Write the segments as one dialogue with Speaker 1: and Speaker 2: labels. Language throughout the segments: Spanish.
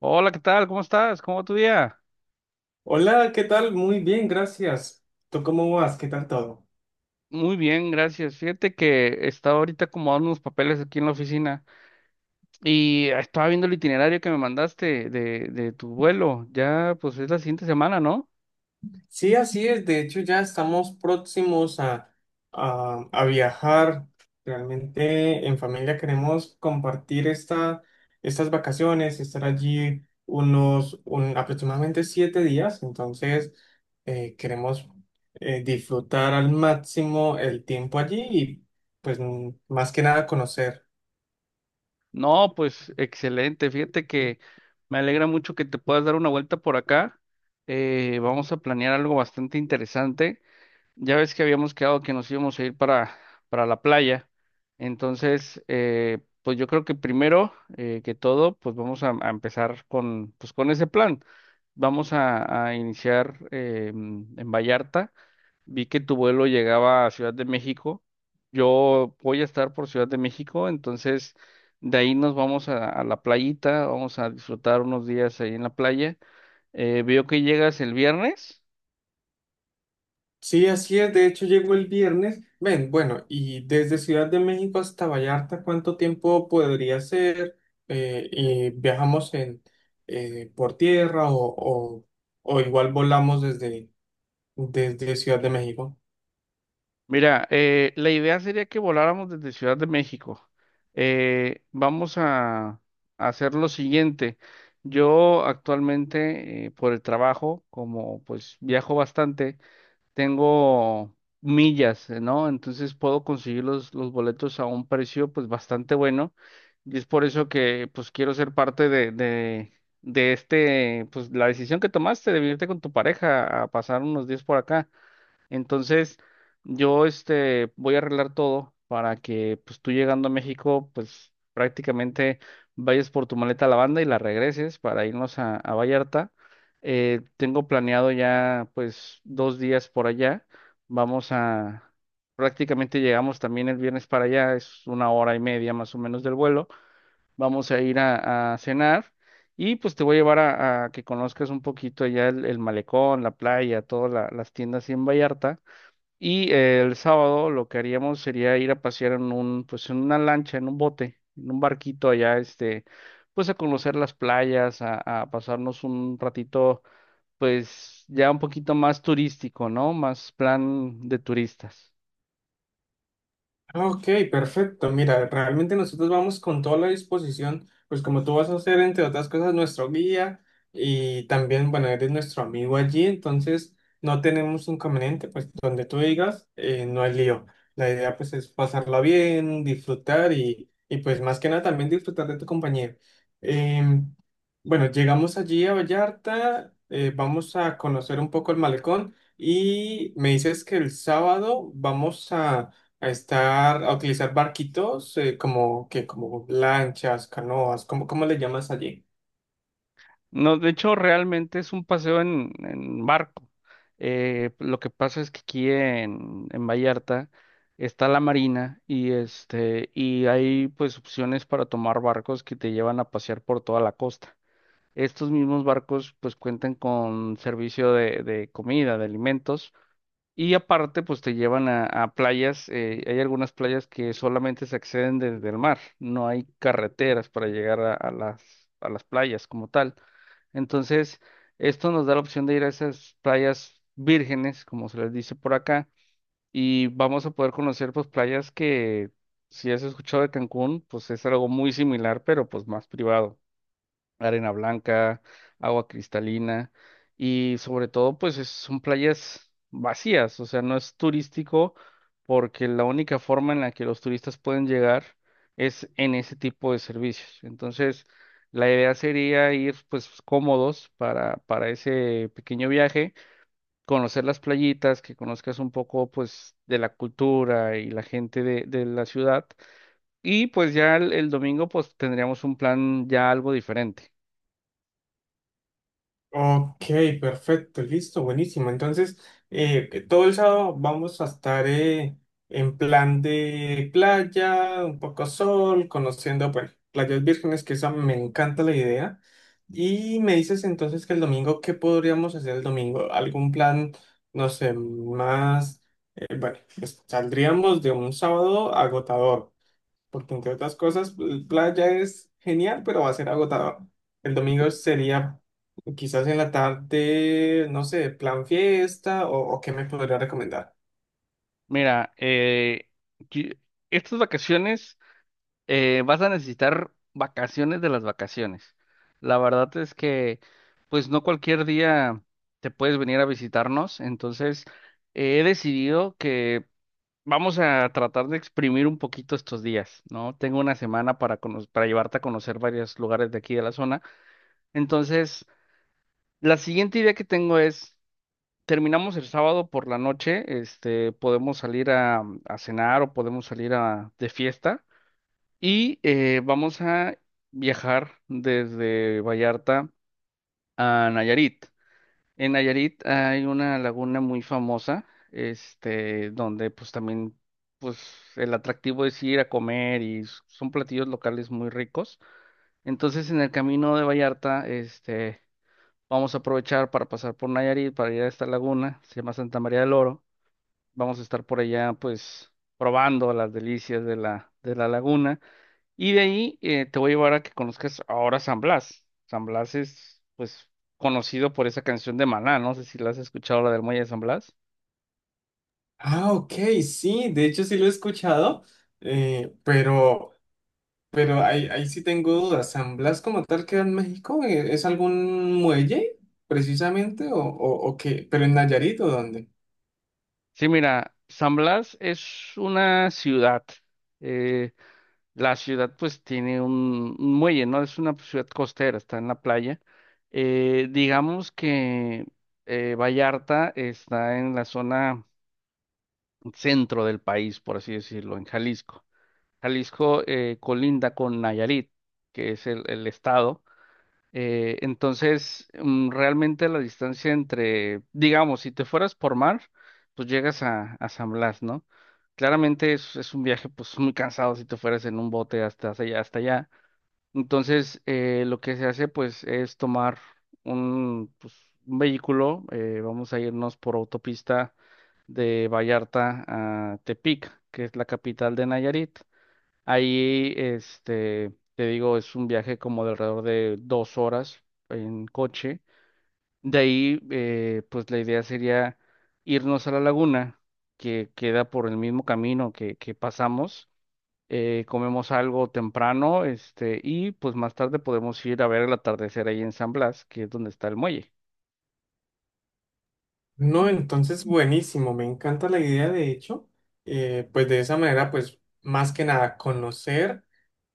Speaker 1: Hola, ¿qué tal? ¿Cómo estás? ¿Cómo va tu día?
Speaker 2: Hola, ¿qué tal? Muy bien, gracias. ¿Tú cómo vas? ¿Qué tal todo?
Speaker 1: Muy bien, gracias. Fíjate que estaba ahorita acomodando unos papeles aquí en la oficina y estaba viendo el itinerario que me mandaste de tu vuelo. Ya, pues es la siguiente semana, ¿no?
Speaker 2: Sí, así es. De hecho, ya estamos próximos a viajar. Realmente en familia queremos compartir estas vacaciones, estar allí aproximadamente 7 días. Entonces, queremos disfrutar al máximo el tiempo allí y pues, más que nada conocer.
Speaker 1: No, pues excelente. Fíjate que me alegra mucho que te puedas dar una vuelta por acá. Vamos a planear algo bastante interesante. Ya ves que habíamos quedado que nos íbamos a ir para la playa. Entonces, pues yo creo que primero que todo, pues vamos a empezar con, pues con ese plan. Vamos a iniciar en Vallarta. Vi que tu vuelo llegaba a Ciudad de México. Yo voy a estar por Ciudad de México, entonces de ahí nos vamos a la playita, vamos a disfrutar unos días ahí en la playa. Veo que llegas el viernes.
Speaker 2: Sí, así es. De hecho, llegó el viernes. Ven, bueno, y desde Ciudad de México hasta Vallarta, ¿cuánto tiempo podría ser? Y viajamos en, por tierra o o igual volamos desde Ciudad de México.
Speaker 1: Mira, la idea sería que voláramos desde Ciudad de México. Vamos a hacer lo siguiente. Yo actualmente, por el trabajo, como pues viajo bastante, tengo millas, ¿no? Entonces puedo conseguir los boletos a un precio pues bastante bueno. Y es por eso que pues quiero ser parte de este, pues la decisión que tomaste de venirte con tu pareja a pasar unos días por acá. Entonces, yo este voy a arreglar todo para que pues tú llegando a México, pues prácticamente vayas por tu maleta a la banda y la regreses para irnos a Vallarta. Tengo planeado ya pues dos días por allá. Vamos a, prácticamente llegamos también el viernes para allá, es una hora y media más o menos del vuelo. Vamos a ir a cenar. Y pues te voy a llevar a que conozcas un poquito allá el malecón, la playa, todas las tiendas ahí en Vallarta. Y el sábado lo que haríamos sería ir a pasear en un, pues en una lancha, en un bote, en un barquito allá, este, pues a conocer las playas, a pasarnos un ratito, pues ya un poquito más turístico, ¿no? Más plan de turistas.
Speaker 2: Ah, ok, perfecto. Mira, realmente nosotros vamos con toda la disposición, pues como tú vas a ser, entre otras cosas, nuestro guía y también, bueno, eres nuestro amigo allí, entonces no tenemos inconveniente, pues donde tú digas, no hay lío. La idea pues es pasarla bien, disfrutar y pues más que nada también disfrutar de tu compañía. Em, bueno, llegamos allí a Vallarta, vamos a conocer un poco el malecón y me dices que el sábado vamos a estar, a utilizar barquitos, como que, como lanchas, canoas, ¿ cómo le llamas allí?
Speaker 1: No, de hecho, realmente es un paseo en barco. Lo que pasa es que aquí en Vallarta está la marina y este, y hay pues opciones para tomar barcos que te llevan a pasear por toda la costa. Estos mismos barcos pues cuentan con servicio de comida, de alimentos y aparte pues te llevan a playas. Hay algunas playas que solamente se acceden desde el mar, no hay carreteras para llegar a las playas como tal. Entonces, esto nos da la opción de ir a esas playas vírgenes, como se les dice por acá, y vamos a poder conocer pues playas que si has escuchado de Cancún pues es algo muy similar pero pues más privado, arena blanca, agua cristalina y sobre todo pues son playas vacías, o sea, no es turístico porque la única forma en la que los turistas pueden llegar es en ese tipo de servicios. Entonces, la idea sería ir pues cómodos para ese pequeño viaje, conocer las playitas, que conozcas un poco pues de la cultura y la gente de la ciudad y pues ya el domingo pues tendríamos un plan ya algo diferente.
Speaker 2: Ok, perfecto, listo, buenísimo. Entonces, que todo el sábado vamos a estar en plan de playa, un poco sol, conociendo, bueno, playas vírgenes, que esa me encanta la idea. Y me dices entonces que el domingo, ¿qué podríamos hacer el domingo? ¿Algún plan, no sé, bueno, pues, saldríamos de un sábado agotador, porque entre otras cosas, el playa es genial, pero va a ser agotador. El domingo sería quizás en la tarde, no sé, plan fiesta o qué me podría recomendar.
Speaker 1: Mira, qui- estas vacaciones vas a necesitar vacaciones de las vacaciones. La verdad es que, pues no cualquier día te puedes venir a visitarnos. Entonces, he decidido que vamos a tratar de exprimir un poquito estos días, ¿no? Tengo una semana para llevarte a conocer varios lugares de aquí de la zona. Entonces, la siguiente idea que tengo es terminamos el sábado por la noche, este, podemos salir a cenar o podemos salir a, de fiesta y vamos a viajar desde Vallarta a Nayarit. En Nayarit hay una laguna muy famosa, este, donde pues también pues el atractivo es ir a comer y son platillos locales muy ricos. Entonces en el camino de Vallarta, este, vamos a aprovechar para pasar por Nayarit, para ir a esta laguna, se llama Santa María del Oro. Vamos a estar por allá, pues, probando las delicias de la laguna. Y de ahí te voy a llevar a que conozcas ahora San Blas. San Blas es, pues, conocido por esa canción de Maná. No sé si la has escuchado, la del Muelle de San Blas.
Speaker 2: Ah, ok, sí, de hecho sí lo he escuchado, eh, pero, pero ahí sí tengo dudas. ¿San Blas como tal queda en México? Es algún muelle precisamente o o qué? ¿Pero en Nayarit o dónde?
Speaker 1: Sí, mira, San Blas es una ciudad. eh, la ciudad, pues, tiene un muelle, ¿no? Es una ciudad costera, está en la playa. Digamos que Vallarta está en la zona centro del país, por así decirlo, en Jalisco. Jalisco colinda con Nayarit, que es el estado. Entonces, realmente la distancia entre, digamos, si te fueras por mar, pues llegas a San Blas, ¿no? Claramente es un viaje pues muy cansado si te fueras en un bote hasta allá. Entonces, lo que se hace pues es tomar un, pues, un vehículo, vamos a irnos por autopista de Vallarta a Tepic, que es la capital de Nayarit. Ahí, este, te digo, es un viaje como de alrededor de dos horas en coche. De ahí, pues la idea sería irnos a la laguna, que queda por el mismo camino que pasamos comemos algo temprano, este, y pues más tarde podemos ir a ver el atardecer ahí en San Blas, que es donde está el muelle.
Speaker 2: No, entonces buenísimo, me encanta la idea de hecho. Pues de esa manera pues más que nada conocer,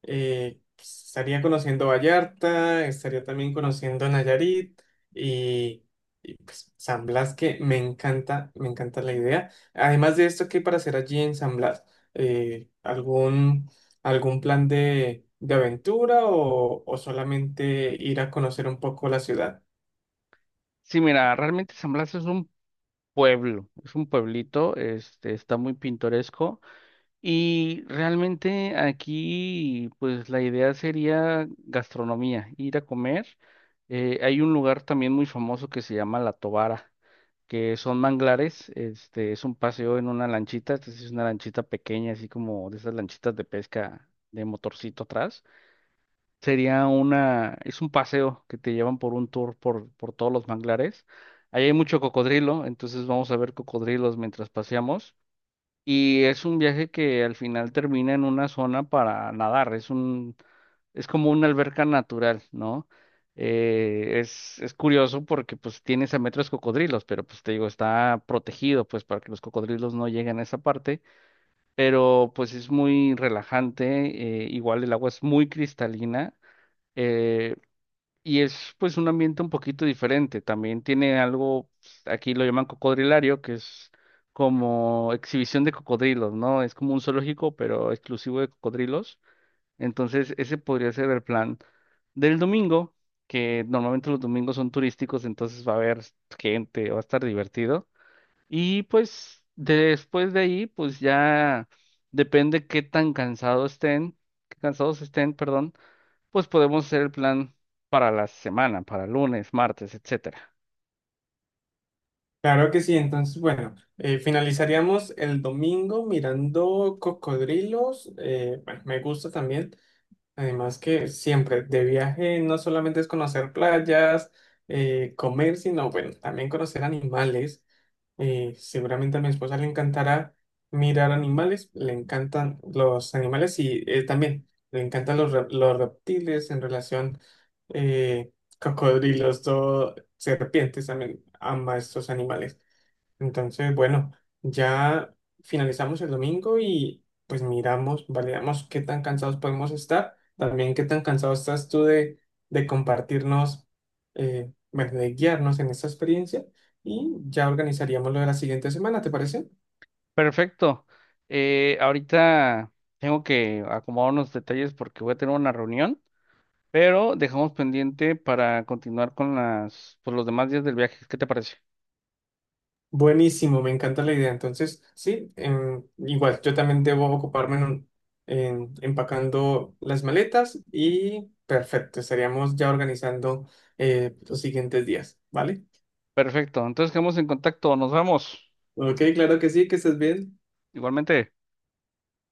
Speaker 2: estaría conociendo Vallarta, estaría también conociendo Nayarit y, y, pues San Blas que me encanta la idea. Además de esto, ¿qué hay para hacer allí en San Blas? Eh, ¿algún, algún plan de aventura o solamente ir a conocer un poco la ciudad?
Speaker 1: Sí, mira, realmente San Blas es un pueblo, es un pueblito, este, está muy pintoresco y realmente aquí, pues la idea sería gastronomía, ir a comer. Hay un lugar también muy famoso que se llama La Tobara, que son manglares, este, es un paseo en una lanchita, entonces es una lanchita pequeña, así como de esas lanchitas de pesca de motorcito atrás. Sería una, es un paseo que te llevan por un tour por todos los manglares. Ahí hay mucho cocodrilo, entonces vamos a ver cocodrilos mientras paseamos. Y es un viaje que al final termina en una zona para nadar. Es un, es como una alberca natural, ¿no? Es curioso porque pues tienes a metros cocodrilos, pero pues te digo, está protegido pues para que los cocodrilos no lleguen a esa parte, pero pues es muy relajante, igual el agua es muy cristalina, eh, y es pues un ambiente un poquito diferente. También tiene algo, aquí lo llaman cocodrilario, que es como exhibición de cocodrilos, ¿no? Es como un zoológico, pero exclusivo de cocodrilos. Entonces, ese podría ser el plan del domingo, que normalmente los domingos son turísticos, entonces va a haber gente, va a estar divertido. Y pues después de ahí, pues ya depende qué tan cansados estén, qué cansados estén, perdón, pues podemos hacer el plan para la semana, para lunes, martes, etcétera.
Speaker 2: Claro que sí, entonces, bueno, finalizaríamos el domingo mirando cocodrilos. Bueno, me gusta también, además que siempre de viaje no solamente es conocer playas, comer, sino, bueno, también conocer animales. Seguramente a mi esposa le encantará mirar animales, le encantan los animales y también le encantan los reptiles en relación, eh, cocodrilos, todo, serpientes, también ama estos animales. Entonces, bueno, ya finalizamos el domingo y pues miramos, validamos qué tan cansados podemos estar, también qué tan cansado estás tú de compartirnos, bueno, de guiarnos en esta experiencia y ya organizaríamos lo de la siguiente semana, ¿te parece?
Speaker 1: Perfecto. Ahorita tengo que acomodar unos detalles porque voy a tener una reunión, pero dejamos pendiente para continuar con las, pues, los demás días del viaje. ¿Qué te parece?
Speaker 2: Buenísimo, me encanta la idea. Entonces, sí, igual, yo también debo ocuparme en empacando las maletas y perfecto, estaríamos ya organizando los siguientes días, ¿vale?
Speaker 1: Perfecto. Entonces quedamos en contacto. Nos vemos.
Speaker 2: Ok, claro que sí, que estés bien.
Speaker 1: Igualmente.